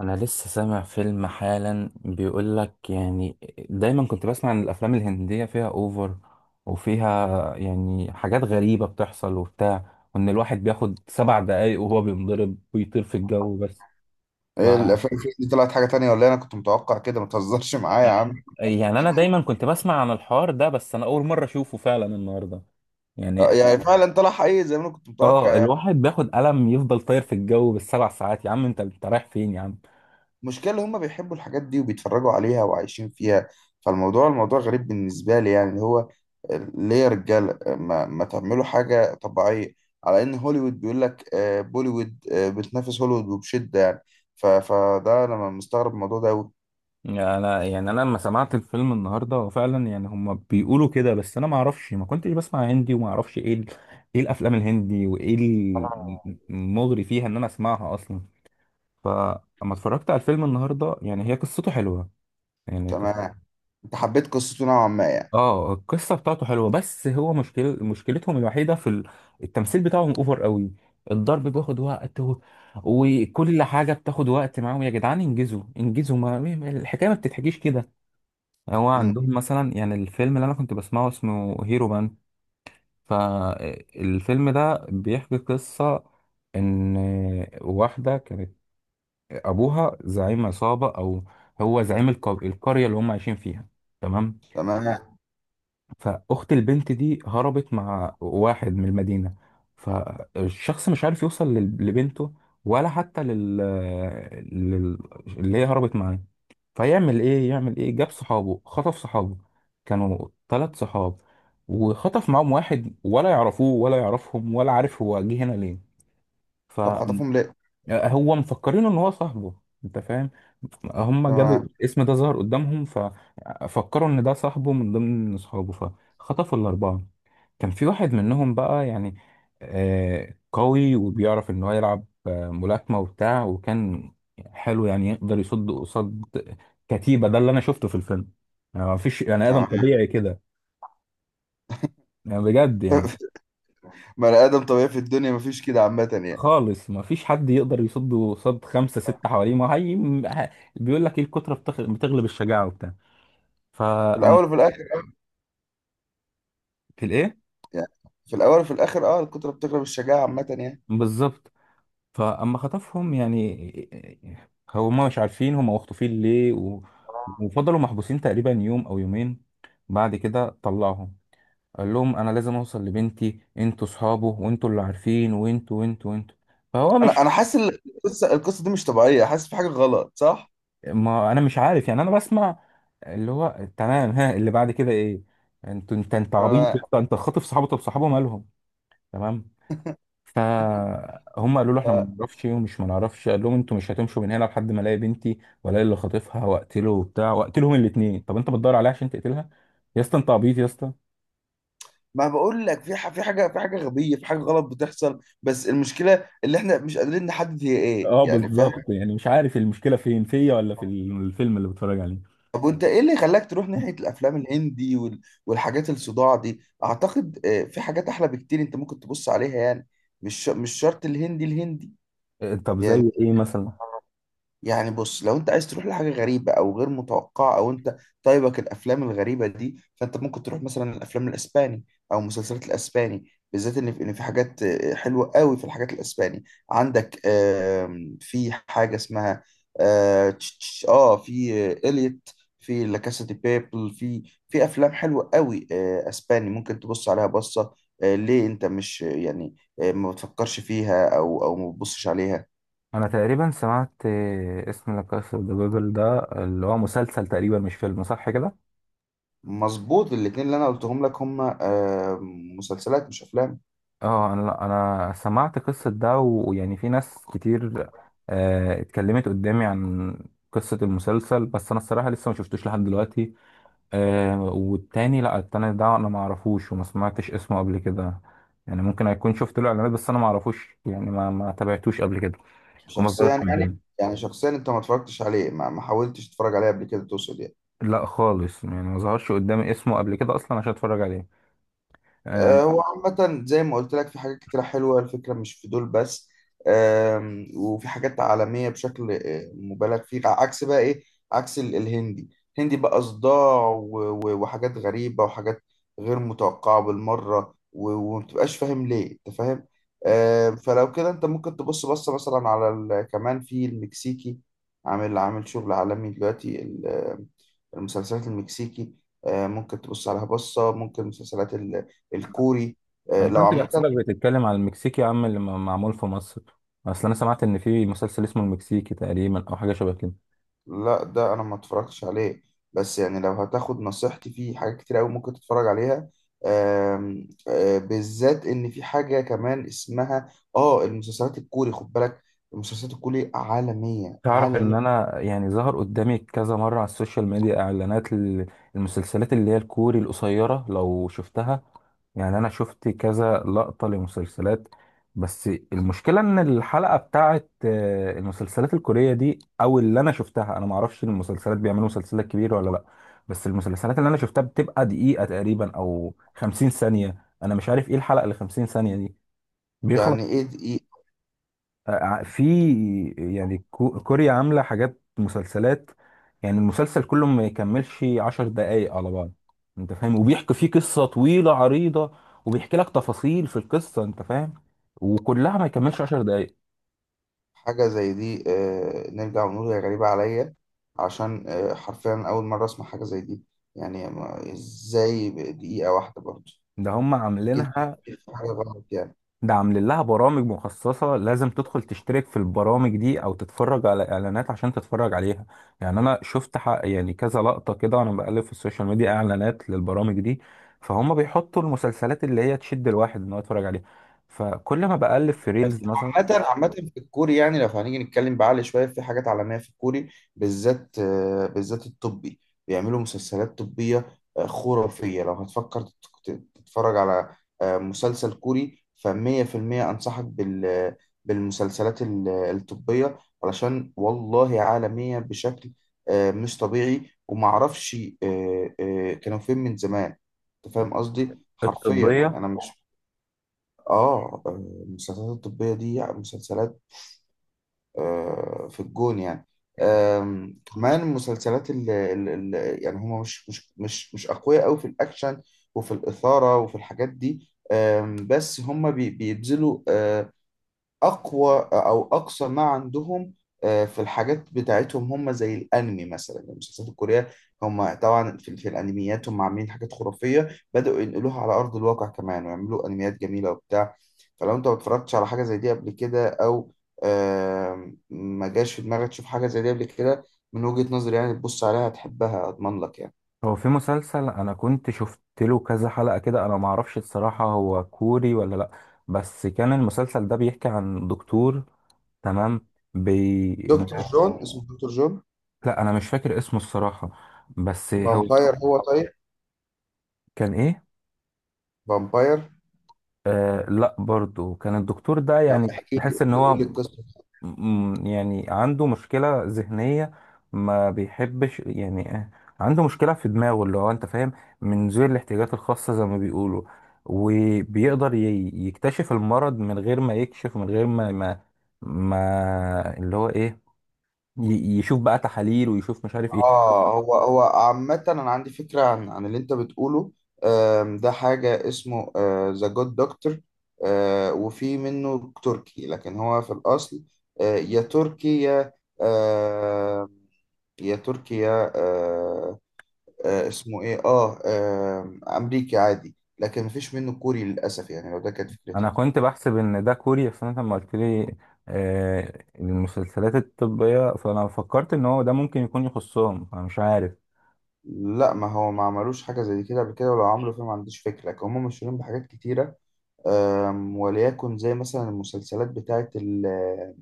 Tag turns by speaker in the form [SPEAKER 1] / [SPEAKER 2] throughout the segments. [SPEAKER 1] انا لسه سامع فيلم حالا بيقول لك يعني. دايما كنت بسمع ان الافلام الهندية فيها اوفر، وفيها يعني حاجات غريبة بتحصل وبتاع، وان الواحد بياخد 7 دقايق وهو بينضرب ويطير في الجو بس. ف
[SPEAKER 2] ايه الافلام فيه دي طلعت حاجه تانية ولا إيه؟ انا كنت متوقع كده ما تهزرش معايا يا عم.
[SPEAKER 1] يعني انا دايما كنت بسمع عن الحوار ده، بس انا اول مرة اشوفه فعلا النهاردة
[SPEAKER 2] آه،
[SPEAKER 1] يعني.
[SPEAKER 2] يعني فعلا طلع حقيقي زي ما انا كنت متوقع
[SPEAKER 1] اه،
[SPEAKER 2] يعني.
[SPEAKER 1] الواحد بياخد قلم يفضل طاير في الجو بالسبع ساعات. يا عم انت رايح فين يا عم؟
[SPEAKER 2] المشكله اللي هم بيحبوا الحاجات دي وبيتفرجوا عليها وعايشين فيها. فالموضوع الموضوع غريب بالنسبه لي، يعني اللي هو ليه يا رجاله ما تعملوا حاجه طبيعيه؟ على ان هوليوود بيقول لك بوليوود بتنافس هوليوود وبشده يعني. فده انا مستغرب الموضوع ده أوي.
[SPEAKER 1] يعني انا لما سمعت الفيلم النهارده هو فعلا يعني هم بيقولوا كده، بس انا ما اعرفش، ما كنتش بسمع هندي وما اعرفش ايه ايه الافلام الهندي وايه المغري فيها ان انا اسمعها اصلا. فلما اتفرجت على الفيلم النهارده يعني هي قصته حلوه، يعني كنت.
[SPEAKER 2] تمام. انت حبيت قصته نوعا ما يعني؟
[SPEAKER 1] اه، القصه بتاعته حلوه، بس هو مشكلتهم الوحيده في التمثيل بتاعهم اوفر قوي. الضرب بياخد وقت وكل حاجه بتاخد وقت معاهم. يا جدعان انجزوا انجزوا، ما الحكايه ما بتتحكيش كده. هو
[SPEAKER 2] امم.
[SPEAKER 1] عندهم مثلا، يعني الفيلم اللي انا كنت بسمعه اسمه هيرو بان. فالفيلم ده بيحكي قصة ان واحدة كانت ابوها زعيم عصابة، او هو زعيم القرية اللي هم عايشين فيها. تمام.
[SPEAKER 2] تمام.
[SPEAKER 1] فاخت البنت دي هربت مع واحد من المدينه، فالشخص مش عارف يوصل لبنته، ولا حتى لل... اللي هي هربت معاه. فيعمل ايه؟ يعمل ايه؟ جاب صحابه، خطف صحابه. كانوا 3 صحاب، وخطف معاهم واحد، ولا يعرفوه ولا يعرفهم ولا عارف هو جه هنا ليه.
[SPEAKER 2] طب
[SPEAKER 1] فما
[SPEAKER 2] خطفهم ليه؟
[SPEAKER 1] هو مفكرينه ان هو صاحبه. انت فاهم، هم جابوا
[SPEAKER 2] تمام.
[SPEAKER 1] الاسم ده ظهر قدامهم ففكروا ان ده صاحبه من ضمن اصحابه. فخطفوا الاربعه. كان في واحد منهم بقى يعني قوي، وبيعرف ان هو يلعب ملاكمه وبتاع، وكان حلو يعني يقدر يصد قصاد كتيبه. ده اللي انا شفته في الفيلم. يعني مفيش يعني ادم
[SPEAKER 2] تمام.
[SPEAKER 1] طبيعي كده، يعني بجد يعني.
[SPEAKER 2] بني ادم طبيعي في الدنيا مفيش كده عامه يعني.
[SPEAKER 1] خالص، ما فيش حد يقدر يصد صد خمسة ستة حواليه. ما هي ه- بيقول لك ايه، الكترة بتغلب الشجاعة وبتاع.
[SPEAKER 2] في
[SPEAKER 1] فأما
[SPEAKER 2] الاول وفي الاخر.
[SPEAKER 1] في الايه؟
[SPEAKER 2] يعني في الاول وفي الاخر اه الكتره بتغلب الشجاعه عامه يعني.
[SPEAKER 1] بالظبط. فأما خطفهم، يعني هما مش عارفين هما مخطوفين ليه وفضلوا محبوسين تقريبا يوم أو يومين. بعد كده طلعهم قال لهم أنا لازم أوصل لبنتي، أنتوا صحابه وأنتوا اللي عارفين، وأنتوا وأنتوا وأنتوا. فهو مش
[SPEAKER 2] انا حاسس إن القصه دي مش طبيعيه، حاسس في حاجه غلط، صح؟
[SPEAKER 1] ما انا مش عارف يعني، انا بسمع اللي هو تمام، ها اللي بعد كده ايه. انت عبيط يا
[SPEAKER 2] تمام.
[SPEAKER 1] اسطى، انت خاطف صحابه، طب صحابه مالهم؟ تمام. فهم قالوا له احنا ما
[SPEAKER 2] آه.
[SPEAKER 1] نعرفش، ومش ما نعرفش. قال لهم انتوا مش هتمشوا من هنا لحد ما الاقي بنتي، والاقي اللي خاطفها واقتله وبتاع واقتلهم الاثنين. طب انت بتدور عليها عشان تقتلها. يا اسطى انت عبيط يا اسطى.
[SPEAKER 2] ما بقول لك في حاجه غبيه في حاجه غلط بتحصل بس المشكله اللي احنا مش قادرين نحدد هي ايه
[SPEAKER 1] اه،
[SPEAKER 2] يعني، فاهم؟
[SPEAKER 1] بالظبط، يعني مش عارف المشكله فين، فيا ولا في الفيلم اللي بتفرج عليه.
[SPEAKER 2] طب وانت ايه اللي خلاك تروح ناحيه الافلام الهندي والحاجات الصداع دي؟ اعتقد في حاجات احلى بكتير انت ممكن تبص عليها يعني. مش شرط الهندي.
[SPEAKER 1] طب
[SPEAKER 2] يعني
[SPEAKER 1] زي ايه مثلا؟
[SPEAKER 2] يعني بص، لو انت عايز تروح لحاجه غريبه او غير متوقعه او انت طيبك الافلام الغريبه دي، فانت ممكن تروح مثلا الافلام الاسباني او مسلسلات الاسباني. بالذات ان في حاجات حلوه قوي في الحاجات الاسباني. عندك في حاجه اسمها في اليت، في لا كاسا دي بيبل. في افلام حلوه قوي اسباني ممكن تبص عليها بصه. ليه انت مش ما بتفكرش فيها او ما بتبصش عليها؟
[SPEAKER 1] انا تقريبا سمعت اسم لا كاسا دي بابل، ده اللي هو مسلسل تقريبا مش فيلم، صح كده؟
[SPEAKER 2] مظبوط. الاتنين اللي انا قلتهم لك هم مسلسلات مش افلام.
[SPEAKER 1] اه، انا لا، انا سمعت قصة ده، ويعني في ناس كتير اتكلمت قدامي عن قصة المسلسل، بس انا الصراحة لسه ما شفتوش لحد دلوقتي. والتاني لا، التاني ده انا ما اعرفوش وما سمعتش اسمه قبل كده. يعني ممكن اكون شفت له اعلانات، بس انا ما اعرفوش، يعني ما تابعتوش قبل كده، وما
[SPEAKER 2] شخصيا
[SPEAKER 1] ظهرش
[SPEAKER 2] يعني.
[SPEAKER 1] قدامي.
[SPEAKER 2] يعني شخصيا انت ما اتفرجتش عليه، ما حاولتش تتفرج عليه قبل كده تقصد يعني؟
[SPEAKER 1] لا خالص يعني، ما ظهرش قدامي اسمه قبل كده اصلا عشان اتفرج عليه. آه،
[SPEAKER 2] آه، هو عامة زي ما قلت لك في حاجات كتيرة حلوة، الفكرة مش في دول بس. وفي حاجات عالمية بشكل مبالغ فيه، عكس بقى إيه، عكس الهندي. الهندي بقى صداع وحاجات غريبة وحاجات غير متوقعة بالمرة ومتبقاش فاهم ليه، أنت فاهم. فلو كده أنت ممكن تبص بصة مثلا على كمان في المكسيكي. عامل شغل عالمي دلوقتي المسلسلات المكسيكي ممكن تبص عليها بصة. ممكن مسلسلات الكوري
[SPEAKER 1] انا
[SPEAKER 2] لو
[SPEAKER 1] كنت
[SPEAKER 2] عامة.
[SPEAKER 1] بحسبك بتتكلم على المكسيكي يا عم، اللي معمول في مصر. اصل انا سمعت ان في مسلسل اسمه المكسيكي تقريبا او حاجه شبه كده.
[SPEAKER 2] لا ده أنا ما اتفرجتش عليه بس يعني لو هتاخد نصيحتي في حاجات كتير أوي ممكن تتفرج عليها. آم، آه، بالذات إن في حاجة كمان اسمها آه المسلسلات الكوري، خد بالك. المسلسلات الكوري عالمية
[SPEAKER 1] تعرف ان
[SPEAKER 2] عالمية.
[SPEAKER 1] انا يعني ظهر قدامي كذا مره على السوشيال ميديا اعلانات المسلسلات اللي هي الكوري القصيره، لو شفتها. يعني انا شفت كذا لقطه لمسلسلات، بس المشكله ان الحلقه بتاعت المسلسلات الكوريه دي، او اللي انا شفتها، انا ما اعرفش المسلسلات بيعملوا مسلسلات كبيره ولا لا. بس المسلسلات اللي انا شفتها بتبقى دقيقه تقريبا او 50 ثانيه. انا مش عارف ايه الحلقه اللي 50 ثانيه دي.
[SPEAKER 2] يعني إيه دي؟
[SPEAKER 1] في يعني كوريا عاملة حاجات مسلسلات، يعني المسلسل كله ما يكملش 10 دقايق على بعض. انت فاهم، وبيحكي فيه قصة طويلة عريضة، وبيحكي لك تفاصيل في القصة. انت فاهم، وكلها ما يكملش 10 دقايق.
[SPEAKER 2] حاجة زي دي نرجع ونقول هي غريبة عليا، عشان حرفيا أول مرة أسمع حاجة زي دي. يعني إزاي دقيقة واحدة برضه؟
[SPEAKER 1] ده هم
[SPEAKER 2] أكيد في
[SPEAKER 1] عاملينها،
[SPEAKER 2] في حاجة غلط يعني.
[SPEAKER 1] ده عاملين لها برامج مخصصة، لازم تدخل تشترك في البرامج دي أو تتفرج على إعلانات عشان تتفرج عليها. يعني أنا شفت حق يعني كذا لقطة كده وأنا بقلب في السوشيال ميديا إعلانات للبرامج دي. فهم بيحطوا المسلسلات اللي هي تشد الواحد إن هو يتفرج عليها، فكل ما بقلب في
[SPEAKER 2] بس
[SPEAKER 1] ريلز مثلا.
[SPEAKER 2] عامة في الكوري، يعني لو هنيجي نتكلم بعقل شوية في حاجات عالمية في الكوري، بالذات بالذات الطبي. بيعملوا مسلسلات طبية خرافية. لو هتفكر تتفرج على مسلسل كوري، فمية في المية أنصحك بالمسلسلات الطبية. علشان والله عالمية بشكل مش طبيعي ومعرفش كانوا فين من زمان. أنت فاهم قصدي؟ حرفيا يعني
[SPEAKER 1] الطبية.
[SPEAKER 2] أنا مش. اه. آه، المسلسلات الطبية دي يعني مسلسلات في الجون يعني. كمان المسلسلات اللي يعني هما مش أقوياء أوي في الأكشن وفي الإثارة وفي الحاجات دي. بس هما بيبذلوا اقوى او اقصى ما عندهم في الحاجات بتاعتهم. هم زي الانمي مثلا المسلسلات الكوريه. هم طبعا في الانميات هم عاملين حاجات خرافيه بداوا ينقلوها على ارض الواقع، كمان ويعملوا انميات جميله وبتاع. فلو انت ما اتفرجتش على حاجه زي دي قبل كده، او ما جاش في دماغك تشوف حاجه زي دي قبل كده، من وجهه نظري يعني تبص عليها هتحبها، اضمن لك يعني.
[SPEAKER 1] هو في مسلسل أنا كنت شفت له كذا حلقة كده، أنا معرفش الصراحة هو كوري ولا لأ، بس كان المسلسل ده بيحكي عن دكتور. تمام. بي...
[SPEAKER 2] دكتور جون، اسمه دكتور جون.
[SPEAKER 1] لا، انا مش فاكر اسمه الصراحه، بس هو
[SPEAKER 2] فامباير هو طيب.
[SPEAKER 1] كان ايه.
[SPEAKER 2] فامباير.
[SPEAKER 1] آه لا، برضو كان الدكتور ده
[SPEAKER 2] طب
[SPEAKER 1] يعني
[SPEAKER 2] احكي لي،
[SPEAKER 1] بحس
[SPEAKER 2] قول
[SPEAKER 1] ان
[SPEAKER 2] لي
[SPEAKER 1] هو
[SPEAKER 2] قول لي القصه.
[SPEAKER 1] يعني عنده مشكله ذهنيه، ما بيحبش يعني عنده مشكله في دماغه، اللي هو انت فاهم من ذوي الاحتياجات الخاصه زي ما بيقولوا. وبيقدر يكتشف المرض من غير ما يكشف، من غير ما ما اللي هو ايه يشوف بقى تحاليل ويشوف مش عارف ايه.
[SPEAKER 2] اه، هو عامة انا عندي فكرة عن اللي انت بتقوله. ده حاجة اسمه ذا جود دكتور. وفي منه تركي لكن هو في الاصل آه، يا تركي يا آه، يا تركي يا اسمه ايه امريكي عادي، لكن مفيش منه كوري للاسف يعني، لو ده كانت فكرتك.
[SPEAKER 1] انا كنت بحسب ان ده كوري، بس انت لما قلت لي المسلسلات الطبية، فانا فكرت ان هو ده ممكن يكون يخصهم، انا مش عارف.
[SPEAKER 2] لا، ما هو ما عملوش حاجة زي كده قبل كده، ولو عملوا فيه ما عنديش فكرة، لكن هم مشهورين بحاجات كتيرة. وليكن زي مثلا المسلسلات بتاعت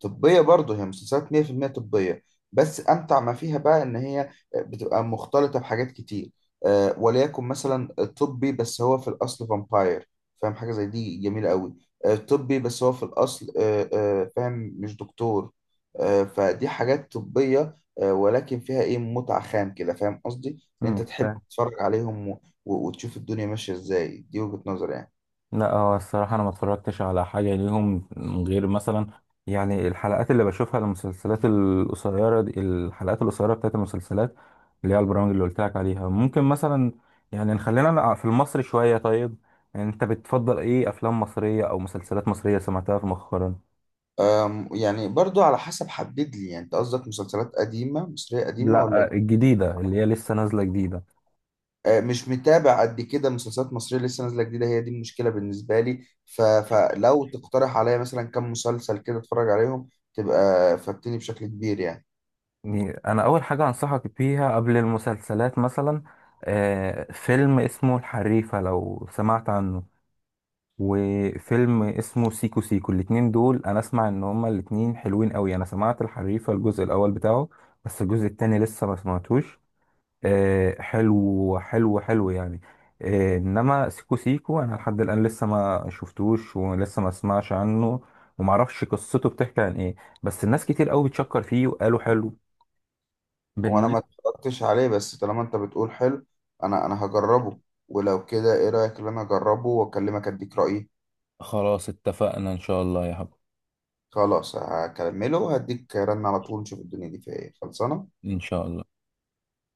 [SPEAKER 2] طبية، برضه هي مسلسلات 100% طبية. بس أمتع ما فيها بقى إن هي بتبقى مختلطة بحاجات كتير. وليكن مثلا طبي بس هو في الأصل فامباير، فاهم؟ حاجة زي دي جميلة قوي. طبي بس هو في الأصل فاهم مش دكتور. فدي حاجات طبية ولكن فيها إيه متعة خام كده، فاهم قصدي؟ إن أنت تحب
[SPEAKER 1] فاهم.
[SPEAKER 2] تتفرج عليهم وتشوف الدنيا ماشية إزاي، دي وجهة نظري يعني.
[SPEAKER 1] لا، هو الصراحة انا ما اتفرجتش على حاجة ليهم غير مثلا، يعني الحلقات اللي بشوفها، المسلسلات القصيرة دي، الحلقات القصيرة بتاعت المسلسلات اللي هي البرامج اللي قلت لك عليها ممكن مثلا. يعني نخلينا في المصري شوية، طيب انت بتفضل ايه، افلام مصرية او مسلسلات مصرية سمعتها في مؤخرا؟
[SPEAKER 2] يعني برضو على حسب، حدد لي يعني انت قصدك مسلسلات قديمة، مصرية قديمة ولا
[SPEAKER 1] لا، الجديدة اللي هي لسه نازلة جديدة.
[SPEAKER 2] أه، مش متابع قد كده مسلسلات مصرية لسه نازلة جديدة، هي دي المشكلة بالنسبة لي، فلو تقترح عليا مثلا كم مسلسل كده اتفرج عليهم تبقى فاتني بشكل كبير يعني.
[SPEAKER 1] يعني أنا أول حاجة أنصحك بيها قبل المسلسلات مثلا، فيلم اسمه الحريفة لو سمعت عنه، وفيلم اسمه سيكو سيكو. الاتنين دول أنا أسمع إن هما الاتنين حلوين أوي، أنا سمعت الحريفة الجزء الأول بتاعه، بس الجزء التاني لسه ما سمعتوش. حلو حلو حلو يعني. انما سيكو سيكو انا لحد الان لسه ما شفتوش، ولسه ما اسمعش عنه وما اعرفش قصته بتحكي عن ايه. بس الناس كتير قوي بتشكر فيه وقالوا حلو.
[SPEAKER 2] وانا ما
[SPEAKER 1] بالنسبة.
[SPEAKER 2] اتفرجتش عليه، بس طالما انت بتقول حلو انا هجربه. ولو كده ايه رأيك ان انا اجربه واكلمك اديك رأيي؟
[SPEAKER 1] خلاص، اتفقنا ان شاء الله يا حبيبي.
[SPEAKER 2] خلاص هكمله وهديك رن على طول نشوف الدنيا دي فيها ايه خلصانة.
[SPEAKER 1] ان شاء الله.